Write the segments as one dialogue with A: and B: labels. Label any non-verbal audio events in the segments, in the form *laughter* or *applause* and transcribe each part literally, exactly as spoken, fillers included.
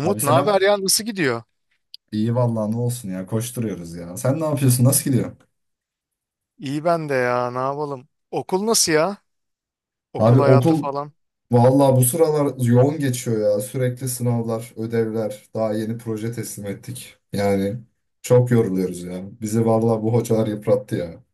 A: Abi
B: ne haber
A: selam.
B: ya, nasıl gidiyor?
A: İyi vallahi ne olsun ya, koşturuyoruz ya. Sen ne yapıyorsun? Nasıl gidiyor?
B: İyi, ben de ya, ne yapalım? Okul nasıl ya? Okul
A: Abi
B: hayatı
A: okul
B: falan.
A: vallahi bu sıralar yoğun geçiyor ya. Sürekli sınavlar, ödevler, daha yeni proje teslim ettik. Yani çok yoruluyoruz ya. Bizi vallahi bu hocalar yıprattı ya.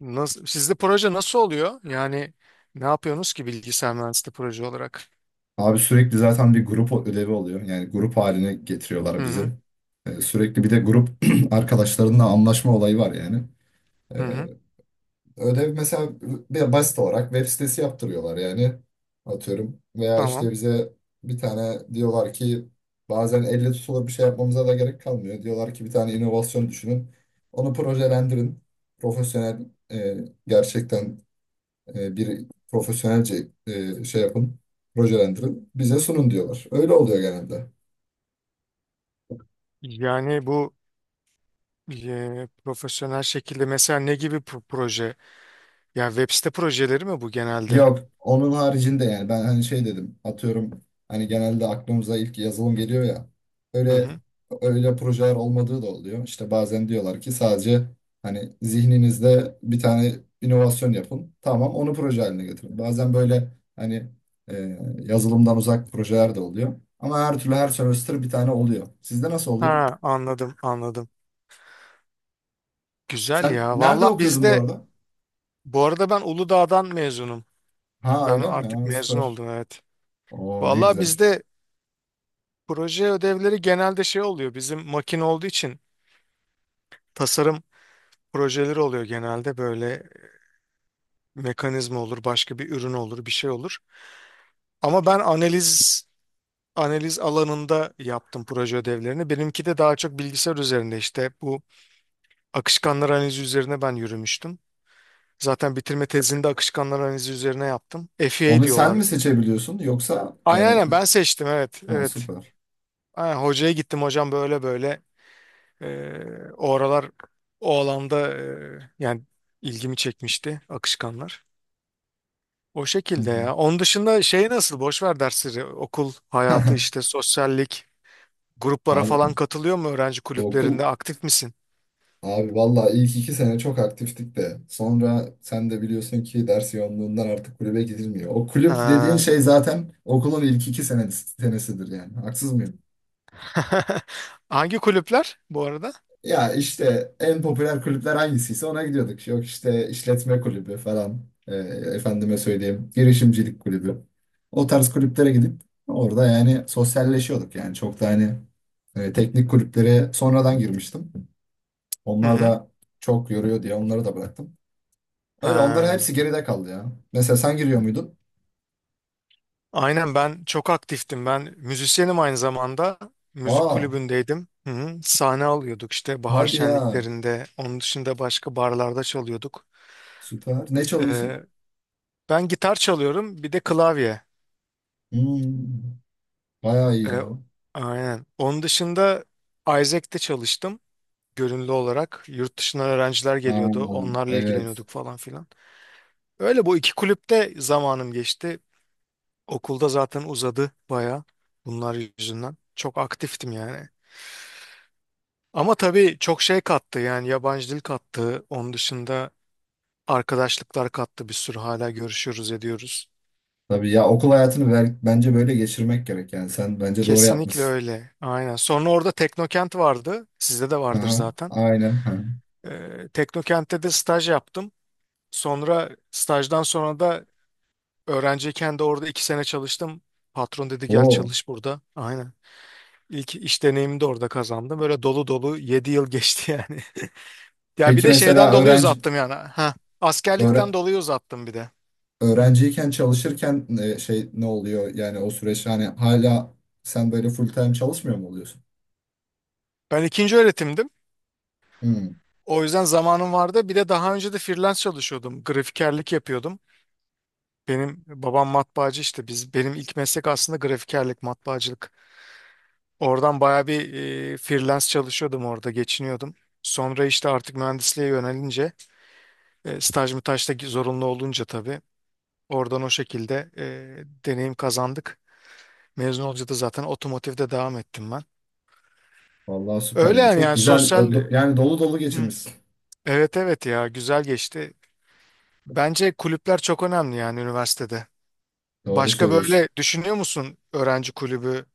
B: Nasıl, sizde proje nasıl oluyor? Yani ne yapıyorsunuz ki bilgisayar mühendisliği proje olarak?
A: Abi sürekli zaten bir grup ödevi oluyor. Yani grup haline
B: Hı
A: getiriyorlar bizi.
B: hı,
A: Ee, sürekli bir de grup *clears throat* arkadaşlarınla anlaşma olayı var yani.
B: hı hı,
A: Ee, Ödev mesela bir basit olarak web sitesi yaptırıyorlar yani atıyorum. Veya
B: tamam.
A: işte bize bir tane diyorlar ki, bazen elle tutulur bir şey yapmamıza da gerek kalmıyor. Diyorlar ki bir tane inovasyon düşünün. Onu projelendirin. Profesyonel, e, gerçekten, e, bir profesyonelce e, şey yapın. Projelendirin. Bize sunun diyorlar. Öyle oluyor genelde.
B: Yani bu e, profesyonel şekilde mesela ne gibi pro- proje? Yani web site projeleri mi bu genelde?
A: Yok, onun haricinde yani, ben hani şey dedim, atıyorum, hani genelde aklımıza ilk yazılım geliyor ya,
B: Hı
A: öyle
B: hı.
A: öyle projeler olmadığı da oluyor. İşte bazen diyorlar ki sadece hani zihninizde bir tane inovasyon yapın, tamam onu proje haline getirin. Bazen böyle hani e, yazılımdan uzak projeler de oluyor, ama her türlü her semester bir tane oluyor. Sizde nasıl oluyor?
B: Ha, anladım anladım. Güzel
A: Sen
B: ya.
A: nerede
B: Valla,
A: okuyordun bu
B: bizde
A: arada?
B: bu arada, ben Uludağ'dan mezunum.
A: Ha,
B: Ben
A: öyle mi?
B: artık
A: Ha,
B: mezun
A: süper.
B: oldum, evet.
A: Oo, ne
B: Valla,
A: güzel.
B: bizde proje ödevleri genelde şey oluyor. Bizim makine olduğu için tasarım projeleri oluyor genelde. Böyle mekanizma olur, başka bir ürün olur, bir şey olur. Ama ben analiz analiz alanında yaptım proje ödevlerini. Benimki de daha çok bilgisayar üzerinde işte bu akışkanlar analizi üzerine ben yürümüştüm. Zaten bitirme tezini de akışkanlar analizi üzerine yaptım. F E A
A: Onu sen
B: diyorlar.
A: mi seçebiliyorsun yoksa
B: Aynen
A: yani?
B: aynen, ben seçtim, evet
A: Ha,
B: evet.
A: süper.
B: Aynen, hocaya gittim, hocam böyle böyle. Ee, o aralar o alanda e, yani ilgimi çekmişti akışkanlar. O
A: Hı
B: şekilde
A: hı.
B: ya. Onun dışında şey nasıl? Boş ver dersleri. Okul hayatı, işte
A: *laughs*
B: sosyallik. Gruplara
A: Abi
B: falan katılıyor mu, öğrenci
A: okul
B: kulüplerinde? Aktif misin?
A: abi vallahi ilk iki sene çok aktiftik de sonra sen de biliyorsun ki ders yoğunluğundan artık kulübe gidilmiyor. O kulüp dediğin
B: Ha.
A: şey zaten okulun ilk iki sene senesidir yani. Haksız mıyım?
B: *laughs* Hangi kulüpler bu arada?
A: Ya işte en popüler kulüpler hangisiyse ona gidiyorduk. Yok işte, işletme kulübü falan. e, Efendime söyleyeyim girişimcilik kulübü. O tarz kulüplere gidip orada yani sosyalleşiyorduk yani, çok da hani e, teknik kulüplere sonradan girmiştim.
B: Hı
A: Onlar
B: hı.
A: da çok yoruyor diye onları da bıraktım. Öyle, onların
B: Ha.
A: hepsi geride kaldı ya. Mesela sen giriyor muydun?
B: Aynen, ben çok aktiftim. Ben müzisyenim aynı zamanda. Müzik
A: Aa,
B: kulübündeydim. Hı hı. Sahne alıyorduk işte bahar
A: hadi ya.
B: şenliklerinde. Onun dışında başka barlarda çalıyorduk.
A: Süper. Ne çalıyorsun?
B: Ee, Ben gitar çalıyorum, bir de klavye.
A: Hmm, bayağı iyi
B: Ee,
A: ya.
B: aynen. Onun dışında Isaac'te çalıştım, gönüllü olarak. Yurt dışından öğrenciler geliyordu,
A: Aa,
B: onlarla
A: evet.
B: ilgileniyorduk falan filan. Öyle, bu iki kulüpte zamanım geçti. Okulda zaten uzadı baya bunlar yüzünden. Çok aktiftim yani. Ama tabii çok şey kattı, yani yabancı dil kattı. Onun dışında arkadaşlıklar kattı bir sürü, hala görüşüyoruz ediyoruz.
A: Tabii ya, okul hayatını ver- bence böyle geçirmek gerek yani. Sen bence doğru
B: Kesinlikle
A: yapmışsın.
B: öyle. Aynen. Sonra orada Teknokent vardı. Sizde de vardır
A: Aha,
B: zaten.
A: aynen. Ha.
B: Ee, Teknokent'te de staj yaptım. Sonra stajdan sonra da öğrenciyken de orada iki sene çalıştım. Patron dedi gel
A: Oo.
B: çalış burada. Aynen. İlk iş deneyimimi de orada kazandım. Böyle dolu dolu yedi yıl geçti yani. *laughs* Ya bir
A: Peki
B: de
A: mesela
B: şeyden dolayı
A: öğrenci
B: uzattım yani. Ha, askerlikten
A: öğre-
B: dolayı uzattım bir de. Hı.
A: öğrenciyken çalışırken e, şey, ne oluyor? Yani o süreç hani, hala sen böyle full time çalışmıyor mu oluyorsun?
B: Ben ikinci öğretimdim.
A: Hmm.
B: O yüzden zamanım vardı. Bir de daha önce de freelance çalışıyordum. Grafikerlik yapıyordum. Benim babam matbaacı, işte biz, benim ilk meslek aslında grafikerlik, matbaacılık. Oradan baya bir e, freelance çalışıyordum, orada geçiniyordum. Sonra işte artık mühendisliğe yönelince e, staj mütaj da zorunlu olunca tabii oradan o şekilde e, deneyim kazandık. Mezun olunca da zaten otomotivde devam ettim ben.
A: Vallahi süper
B: Öyle
A: ya.
B: yani,
A: Çok
B: yani
A: güzel.
B: sosyal.
A: ö- Yani dolu dolu
B: Hı.
A: geçirmişsin.
B: Evet evet ya, güzel geçti. Bence kulüpler çok önemli yani, üniversitede.
A: Doğru
B: Başka
A: söylüyorsun.
B: böyle düşünüyor musun öğrenci kulübü?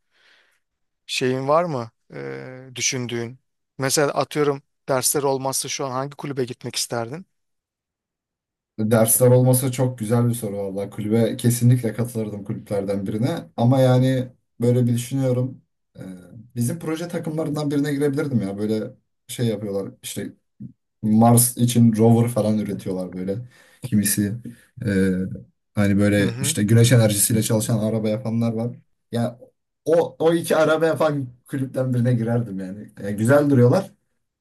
B: Şeyin var mı eee, düşündüğün? Mesela atıyorum, dersler olmazsa şu an hangi kulübe gitmek isterdin?
A: Dersler olmasa, çok güzel bir soru vallahi. Kulübe kesinlikle katılırdım, kulüplerden birine. Ama yani böyle bir düşünüyorum. Ee, Bizim proje takımlarından birine girebilirdim ya. Böyle şey yapıyorlar. İşte Mars için rover falan üretiyorlar böyle. Kimisi e, hani
B: Hı
A: böyle
B: hı.
A: işte güneş enerjisiyle çalışan araba yapanlar var. Ya, o o iki araba yapan kulüpten birine girerdim yani. E, güzel duruyorlar.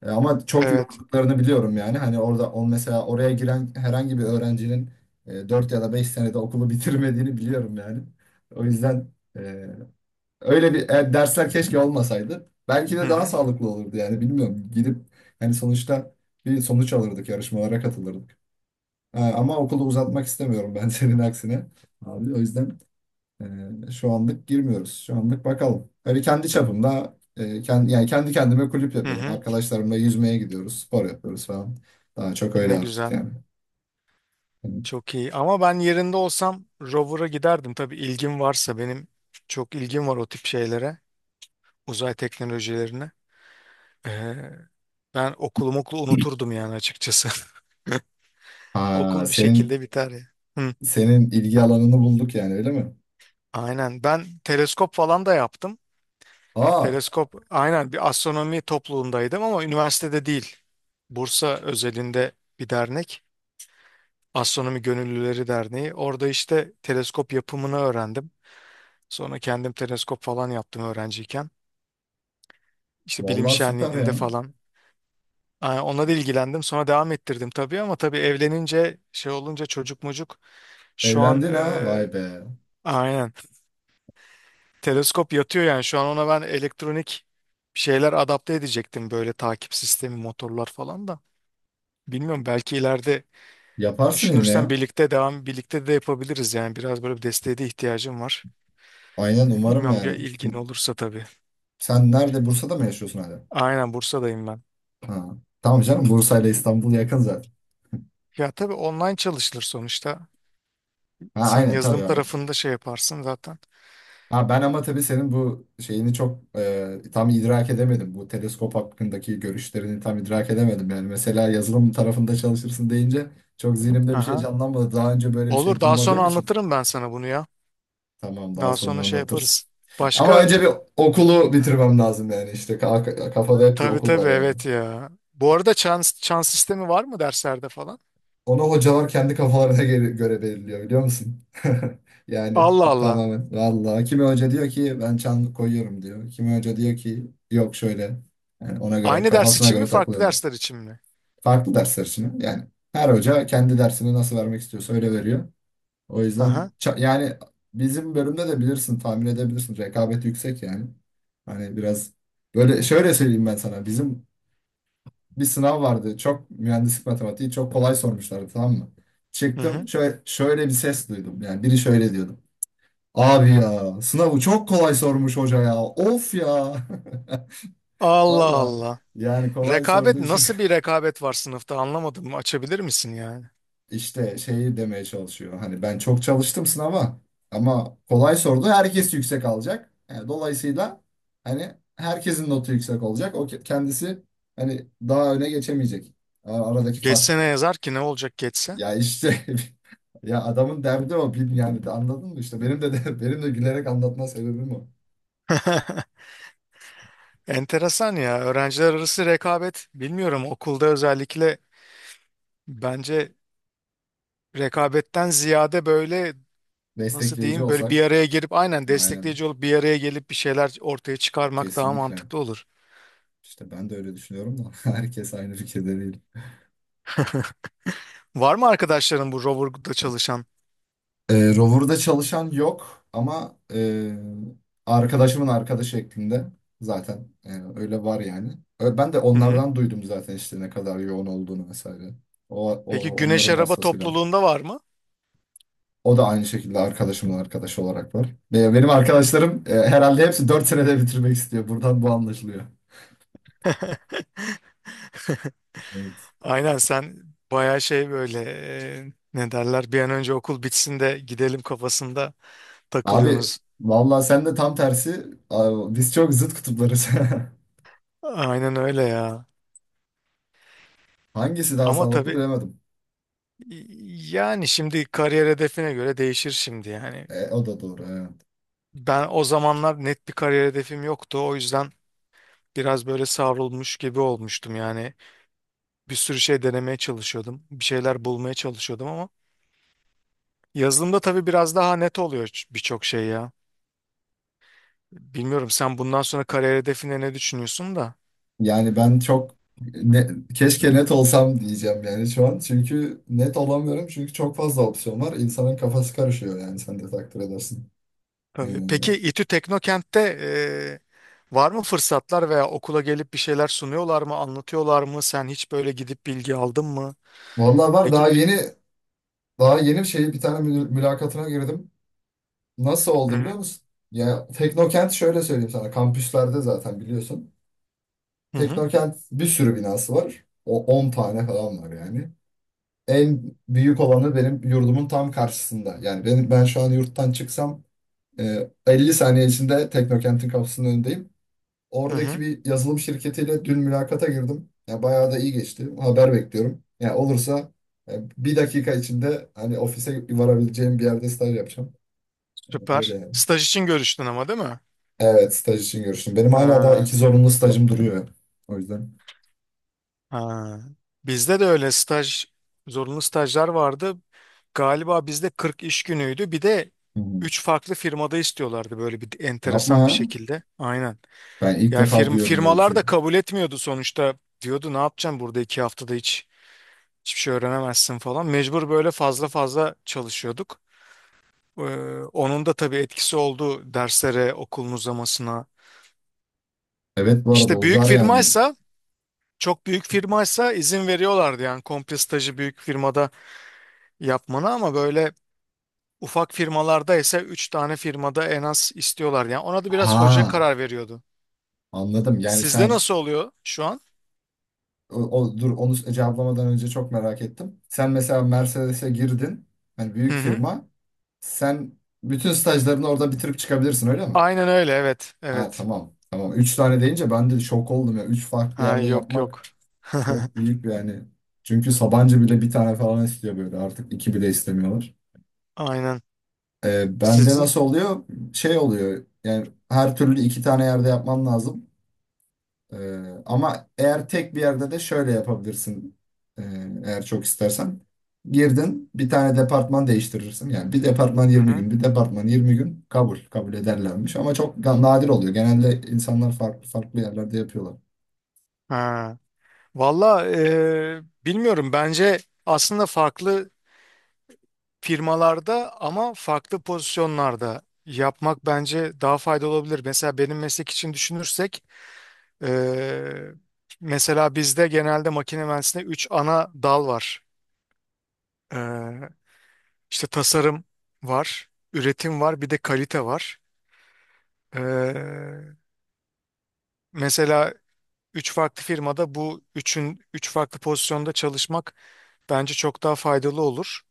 A: E, ama çok
B: Evet.
A: yorduklarını biliyorum yani. Hani orada on mesela oraya giren herhangi bir öğrencinin e, dört ya da beş senede okulu bitirmediğini biliyorum yani. O yüzden. e, Öyle bir e, dersler keşke olmasaydı. Belki
B: Hı
A: de daha
B: hı.
A: sağlıklı olurdu yani, bilmiyorum. Gidip hani sonuçta bir sonuç alırdık, yarışmalara katılırdık. E, ama okulu uzatmak istemiyorum ben, *laughs* senin aksine. Abi o yüzden e, şu anlık girmiyoruz. Şu anlık bakalım. Öyle kendi çapımda e, kendi, yani kendi kendime kulüp
B: Hı
A: yapıyorum.
B: hı.
A: Arkadaşlarımla yüzmeye gidiyoruz, spor yapıyoruz falan. Daha çok öyle
B: Ne
A: artık
B: güzel.
A: yani. Yani,
B: Çok iyi. Ama ben yerinde olsam rover'a giderdim. Tabii ilgim varsa, benim çok ilgim var o tip şeylere. Uzay teknolojilerine. Eee, Ben okulumu, okulu unuturdum yani açıkçası. *laughs*
A: aa,
B: Okul bir
A: senin
B: şekilde biter ya. Hı.
A: senin ilgi alanını bulduk yani, öyle mi?
B: Aynen. Ben teleskop falan da yaptım.
A: Aa,
B: Teleskop, aynen, bir astronomi topluluğundaydım ama üniversitede değil. Bursa özelinde bir dernek. Astronomi Gönüllüleri Derneği. Orada işte teleskop yapımını öğrendim. Sonra kendim teleskop falan yaptım öğrenciyken. İşte bilim
A: vallahi süper
B: şenliğinde
A: ya.
B: falan. Aa, ona da ilgilendim. Sonra devam ettirdim tabii ama tabii evlenince, şey olunca, çocuk mucuk, şu an
A: Evlendin ha?
B: e,
A: Vay be.
B: aynen teleskop yatıyor yani şu an. Ona ben elektronik bir şeyler adapte edecektim, böyle takip sistemi, motorlar falan da. Bilmiyorum, belki ileride
A: Yaparsın yine
B: düşünürsen
A: ya.
B: birlikte devam, birlikte de yapabiliriz yani, biraz böyle bir desteğe de ihtiyacım var.
A: Aynen,
B: E,
A: umarım
B: Bilmiyorum, bir
A: yani.
B: ilgin olursa tabii.
A: Sen nerede? Bursa'da mı yaşıyorsun hala?
B: Aynen, Bursa'dayım ben.
A: Ha. Tamam canım, Bursa ile İstanbul yakın zaten.
B: Ya tabii, online çalışılır sonuçta.
A: Ha,
B: Sen
A: aynen tabii,
B: yazılım
A: aynen.
B: tarafında şey yaparsın zaten.
A: Ha ben ama tabii senin bu şeyini çok e, tam idrak edemedim. Bu teleskop hakkındaki görüşlerini tam idrak edemedim. Yani mesela yazılım tarafında çalışırsın deyince, çok zihnimde bir şey
B: Aha.
A: canlanmadı. Daha önce böyle bir şey
B: Olur, daha sonra
A: duymadığım için.
B: anlatırım ben sana bunu ya.
A: Tamam, daha
B: Daha
A: sonra
B: sonra şey
A: anlatırsın.
B: yaparız.
A: Ama
B: Başka.
A: önce bir okulu bitirmem lazım yani, işte Ka- kafada hep bir
B: Tabii
A: okul var
B: tabii,
A: yani.
B: evet ya. Bu arada çans, çans sistemi var mı derslerde falan?
A: Onu hocalar kendi kafalarına göre, göre belirliyor, biliyor musun? *laughs* Yani
B: Allah Allah.
A: tamamen. Vallahi kimi hoca diyor ki, ben çan koyuyorum diyor. Kimi hoca diyor ki, yok şöyle. Yani ona göre,
B: Aynı ders
A: kafasına
B: için mi,
A: göre
B: farklı
A: takılıyorlar.
B: dersler için mi?
A: Farklı dersler için. Yani her hoca kendi dersini nasıl vermek istiyorsa öyle veriyor. O yüzden
B: Aha.
A: ça- yani bizim bölümde de bilirsin, tahmin edebilirsin, rekabet yüksek yani. Hani biraz böyle, şöyle söyleyeyim ben sana. Bizim bir sınav vardı. Çok mühendislik matematiği çok kolay sormuşlardı, tamam mı?
B: Hı
A: Çıktım,
B: hı.
A: şöyle, şöyle bir ses duydum. Yani biri şöyle diyordu. Abi ya, sınavı çok kolay sormuş hoca ya. Of ya. *laughs*
B: Allah
A: Valla
B: Allah.
A: yani, kolay sorduğu
B: Rekabet,
A: için
B: nasıl bir rekabet var sınıfta, anlamadım. Açabilir misin yani?
A: *laughs* işte şeyi demeye çalışıyor. Hani ben çok çalıştım sınava ama kolay sordu. Herkes yüksek alacak. Yani dolayısıyla hani herkesin notu yüksek olacak. O ke- kendisi hani daha öne geçemeyecek. A- Aradaki fark.
B: Geçse ne yazar ki, ne olacak geçse?
A: Ya işte, *laughs* ya adamın derdi o film yani, de anladın mı işte benim de, de *laughs* benim de gülerek anlatma sebebim o.
B: *laughs* Enteresan ya. Öğrenciler arası rekabet, bilmiyorum, okulda özellikle bence rekabetten ziyade böyle, nasıl
A: Destekleyici
B: diyeyim, böyle bir
A: olsak,
B: araya gelip, aynen,
A: aynen,
B: destekleyici olup bir araya gelip bir şeyler ortaya çıkarmak daha
A: kesinlikle,
B: mantıklı olur.
A: işte ben de öyle düşünüyorum da *laughs* herkes aynı fikirde değil.
B: *laughs* Var mı arkadaşların bu rover'da çalışan?
A: Ee, Rover'da çalışan yok ama e, arkadaşımın arkadaşı şeklinde zaten e, öyle var yani. Ö- Ben de
B: Hı hı.
A: onlardan duydum zaten, işte ne kadar yoğun olduğunu vesaire. O,
B: Peki
A: o
B: Güneş
A: onların
B: Araba
A: vasıtasıyla.
B: topluluğunda var mı?
A: O da aynı şekilde arkadaşımın arkadaşı olarak var. Ve benim arkadaşlarım e, herhalde hepsi dört senede bitirmek istiyor. Buradan bu anlaşılıyor.
B: *laughs*
A: Evet.
B: Aynen, sen bayağı şey böyle e, ne derler, bir an önce okul bitsin de gidelim kafasında
A: Abi
B: takılıyorsunuz.
A: vallahi sen de tam tersi. Abi, biz çok zıt kutuplarız.
B: Aynen öyle ya.
A: *laughs* Hangisi daha
B: Ama
A: sağlıklı
B: tabii,
A: bilemedim.
B: yani şimdi kariyer hedefine göre değişir şimdi yani.
A: E, o da doğru. Evet.
B: Ben o zamanlar net bir kariyer hedefim yoktu. O yüzden biraz böyle savrulmuş gibi olmuştum yani. Bir sürü şey denemeye çalışıyordum. Bir şeyler bulmaya çalışıyordum ama yazılımda tabii biraz daha net oluyor, ç- birçok şey ya. Bilmiyorum, sen bundan sonra kariyer hedefine ne düşünüyorsun da.
A: Yani ben çok ne- keşke net olsam diyeceğim yani şu an. Çünkü net olamıyorum. Çünkü çok fazla opsiyon var. İnsanın kafası karışıyor yani, sen de takdir edersin. E,
B: Tabii. Peki İTÜ Teknokent'te eee, var mı fırsatlar, veya okula gelip bir şeyler sunuyorlar mı, anlatıyorlar mı? Sen hiç böyle gidip bilgi aldın mı?
A: Vallahi
B: Ne
A: var, daha
B: gibi?
A: yeni daha yeni şey, bir tane mül- mülakatına girdim. Nasıl
B: Hı
A: oldu
B: hı.
A: biliyor musun? Ya, Teknokent şöyle söyleyeyim sana. Kampüslerde zaten biliyorsun.
B: Hı hı.
A: Teknokent bir sürü binası var. O on tane falan var yani. En büyük olanı benim yurdumun tam karşısında. Yani benim, ben şu an yurttan çıksam e, elli saniye içinde Teknokent'in kapısının önündeyim.
B: Hı
A: Oradaki
B: hı.
A: bir yazılım şirketiyle dün mülakata girdim. Ya bayağı da iyi geçti. Haber bekliyorum. Ya olursa e, bir dakika içinde hani ofise varabileceğim bir yerde staj yapacağım. Öyle
B: Süper.
A: yani.
B: Staj için görüştün ama değil mi?
A: Evet, staj için görüştüm. Benim hala daha
B: Ha.
A: iki zorunlu stajım duruyor. O yüzden.
B: Ha. Bizde de öyle staj, zorunlu stajlar vardı. Galiba bizde kırk iş günüydü. Bir de
A: Hı hı.
B: üç farklı firmada istiyorlardı, böyle bir
A: Yapma
B: enteresan bir
A: ya.
B: şekilde. Aynen.
A: Ben ilk
B: Yani
A: defa
B: firm,
A: duyuyorum böyle bir
B: firmalar
A: şey.
B: da kabul etmiyordu sonuçta. Diyordu ne yapacaksın burada iki haftada, hiç hiçbir şey öğrenemezsin falan. Mecbur böyle fazla fazla çalışıyorduk. Ee, Onun da tabii etkisi oldu derslere, okulun uzamasına.
A: Evet, bu arada
B: İşte büyük
A: uzar yani.
B: firmaysa, çok büyük firmaysa izin veriyorlardı yani komple stajı büyük firmada yapmanı, ama böyle ufak firmalarda ise üç tane firmada en az istiyorlar. Yani ona da biraz hoca
A: Ha,
B: karar veriyordu.
A: anladım. Yani
B: Sizde
A: sen,
B: nasıl oluyor şu an?
A: o, o- dur, onu cevaplamadan önce çok merak ettim. Sen mesela Mercedes'e girdin. Hani
B: Hı
A: büyük
B: hı.
A: firma. Sen bütün stajlarını orada bitirip çıkabilirsin, öyle mi?
B: Aynen öyle, evet
A: Ha,
B: evet.
A: tamam. Tamam. Üç tane deyince ben de şok oldum ya. Üç farklı
B: Ha
A: yerde
B: yok
A: yapmak
B: yok.
A: çok
B: *laughs*
A: büyük bir yani. Çünkü Sabancı bile bir tane falan istiyor böyle. Artık iki bile istemiyorlar.
B: Aynen.
A: Ee, bende
B: Sizin?
A: nasıl oluyor? Şey oluyor. Yani her türlü iki tane yerde yapmam lazım. Ee, ama eğer tek bir yerde de şöyle yapabilirsin. Ee, Eğer çok istersen. Girdin, bir tane departman değiştirirsin. Yani bir departman
B: Hı
A: yirmi
B: hı.
A: gün, bir departman yirmi gün kabul, kabul ederlermiş. Ama çok ga- nadir oluyor. Genelde insanlar farklı farklı yerlerde yapıyorlar.
B: Ha. Valla eee, bilmiyorum, bence aslında farklı firmalarda ama farklı pozisyonlarda yapmak bence daha faydalı olabilir. Mesela benim meslek için düşünürsek Ee, mesela bizde genelde makine mühendisliğinde üç ana dal var. Ee, işte tasarım var, üretim var, bir de kalite var. Ee, Mesela üç farklı firmada bu üçün, üç farklı pozisyonda çalışmak bence çok daha faydalı olur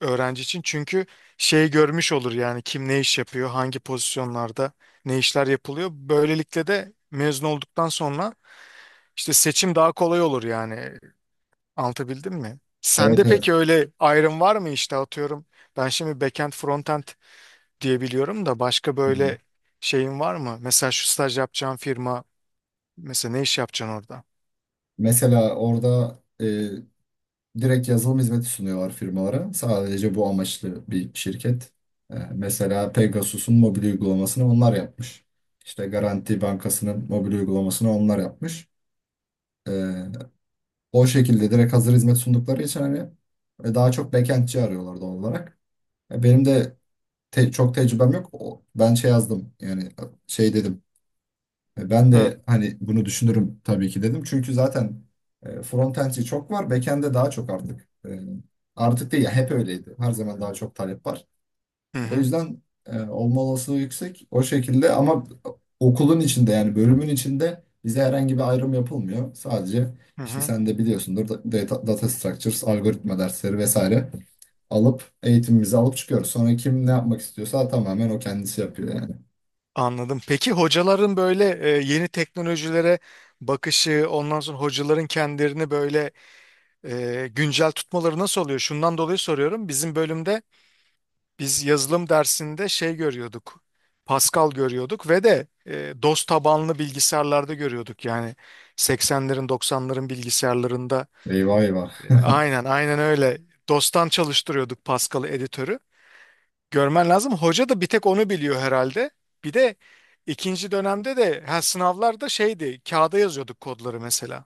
B: öğrenci için. Çünkü şey görmüş olur yani, kim ne iş yapıyor, hangi pozisyonlarda ne işler yapılıyor. Böylelikle de mezun olduktan sonra işte seçim daha kolay olur yani. Anlatabildim mi? Sende
A: Evet, evet.
B: peki öyle ayrım var mı işte atıyorum. Ben şimdi backend frontend diyebiliyorum da, başka
A: Hı hı.
B: böyle şeyin var mı? Mesela şu staj yapacağın firma, mesela ne iş yapacaksın orada?
A: Mesela orada e, direkt yazılım hizmeti sunuyorlar firmalara. Sadece bu amaçlı bir şirket. E, mesela Pegasus'un mobil uygulamasını onlar yapmış. İşte Garanti Bankası'nın mobil uygulamasını onlar yapmış. Ee, O şekilde direkt hazır hizmet sundukları için hani e, daha çok backendçi arıyorlar doğal olarak. E, benim de te- çok tecrübem yok. O, ben şey yazdım yani, e, şey dedim. E, ben
B: Hı
A: de hani bunu düşünürüm tabii ki dedim. Çünkü zaten e, frontendçi çok var. Backend'de daha çok artık. E, artık değil ya, hep öyleydi. Her zaman daha çok talep var.
B: hı
A: O
B: hı.
A: yüzden e, olma olasılığı yüksek o şekilde, ama okulun içinde yani bölümün içinde bize herhangi bir ayrım yapılmıyor. Sadece
B: Hı
A: işte
B: hı.
A: sen de biliyorsundur, da- data, data structures, algoritma dersleri vesaire alıp eğitimimizi alıp çıkıyoruz. Sonra kim ne yapmak istiyorsa tamamen o kendisi yapıyor yani.
B: Anladım. Peki hocaların böyle e, yeni teknolojilere bakışı, ondan sonra hocaların kendilerini böyle e, güncel tutmaları nasıl oluyor? Şundan dolayı soruyorum. Bizim bölümde biz yazılım dersinde şey görüyorduk. Pascal görüyorduk ve de e, DOS tabanlı bilgisayarlarda görüyorduk. Yani seksenlerin doksanların bilgisayarlarında,
A: Eyvah, eyvah.
B: e, aynen aynen öyle. dostan çalıştırıyorduk Pascal'ı editörü. Görmen lazım. Hoca da bir tek onu biliyor herhalde. Bir de ikinci dönemde de, ha, sınavlarda şeydi, kağıda yazıyorduk kodları mesela.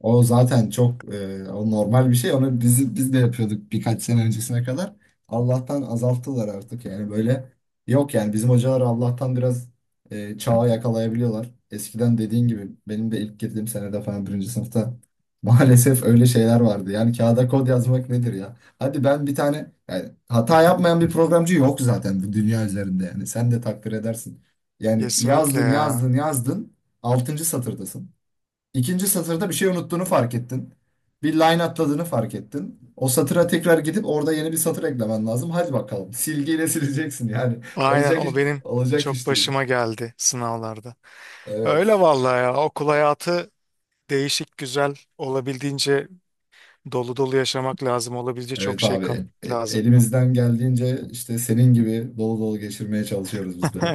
A: O zaten çok, e, o normal bir şey. Onu biz biz de yapıyorduk birkaç sene öncesine kadar. Allah'tan azalttılar artık yani, böyle yok yani, bizim hocalar Allah'tan biraz e, çağı yakalayabiliyorlar. Eskiden dediğin gibi benim de ilk girdiğim senede falan, birinci sınıfta *laughs* maalesef öyle şeyler vardı. Yani kağıda kod yazmak nedir ya? Hadi ben bir tane, yani hata yapmayan bir programcı yok zaten bu dünya üzerinde yani, sen de takdir edersin. Yani
B: Kesinlikle
A: yazdın,
B: ya.
A: yazdın, yazdın, altıncı satırdasın. İkinci satırda bir şey unuttuğunu fark ettin. Bir line atladığını fark ettin. O satıra tekrar gidip orada yeni bir satır eklemen lazım. Hadi bakalım. Silgiyle sileceksin yani. *laughs*
B: Aynen,
A: Olacak iş,
B: o benim
A: olacak
B: çok
A: iş değil.
B: başıma geldi sınavlarda. Öyle
A: Evet.
B: vallahi ya, okul hayatı değişik, güzel, olabildiğince dolu dolu yaşamak lazım. Olabildiğince çok
A: Evet
B: şey
A: abi.
B: kat
A: E- e-
B: lazım. *laughs*
A: elimizden geldiğince işte senin gibi dolu dolu geçirmeye çalışıyoruz biz de.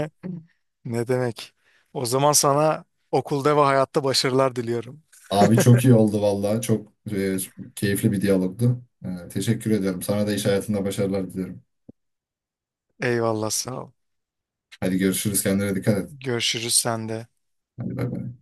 B: Ne demek? O zaman sana okulda ve hayatta başarılar diliyorum.
A: Abi çok iyi oldu valla. Çok e, keyifli bir diyalogdu. E, teşekkür ediyorum. Sana da iş hayatında başarılar diliyorum.
B: Eyvallah, sağ ol.
A: Hadi görüşürüz. Kendine dikkat et.
B: Görüşürüz sende.
A: Hadi bay bay.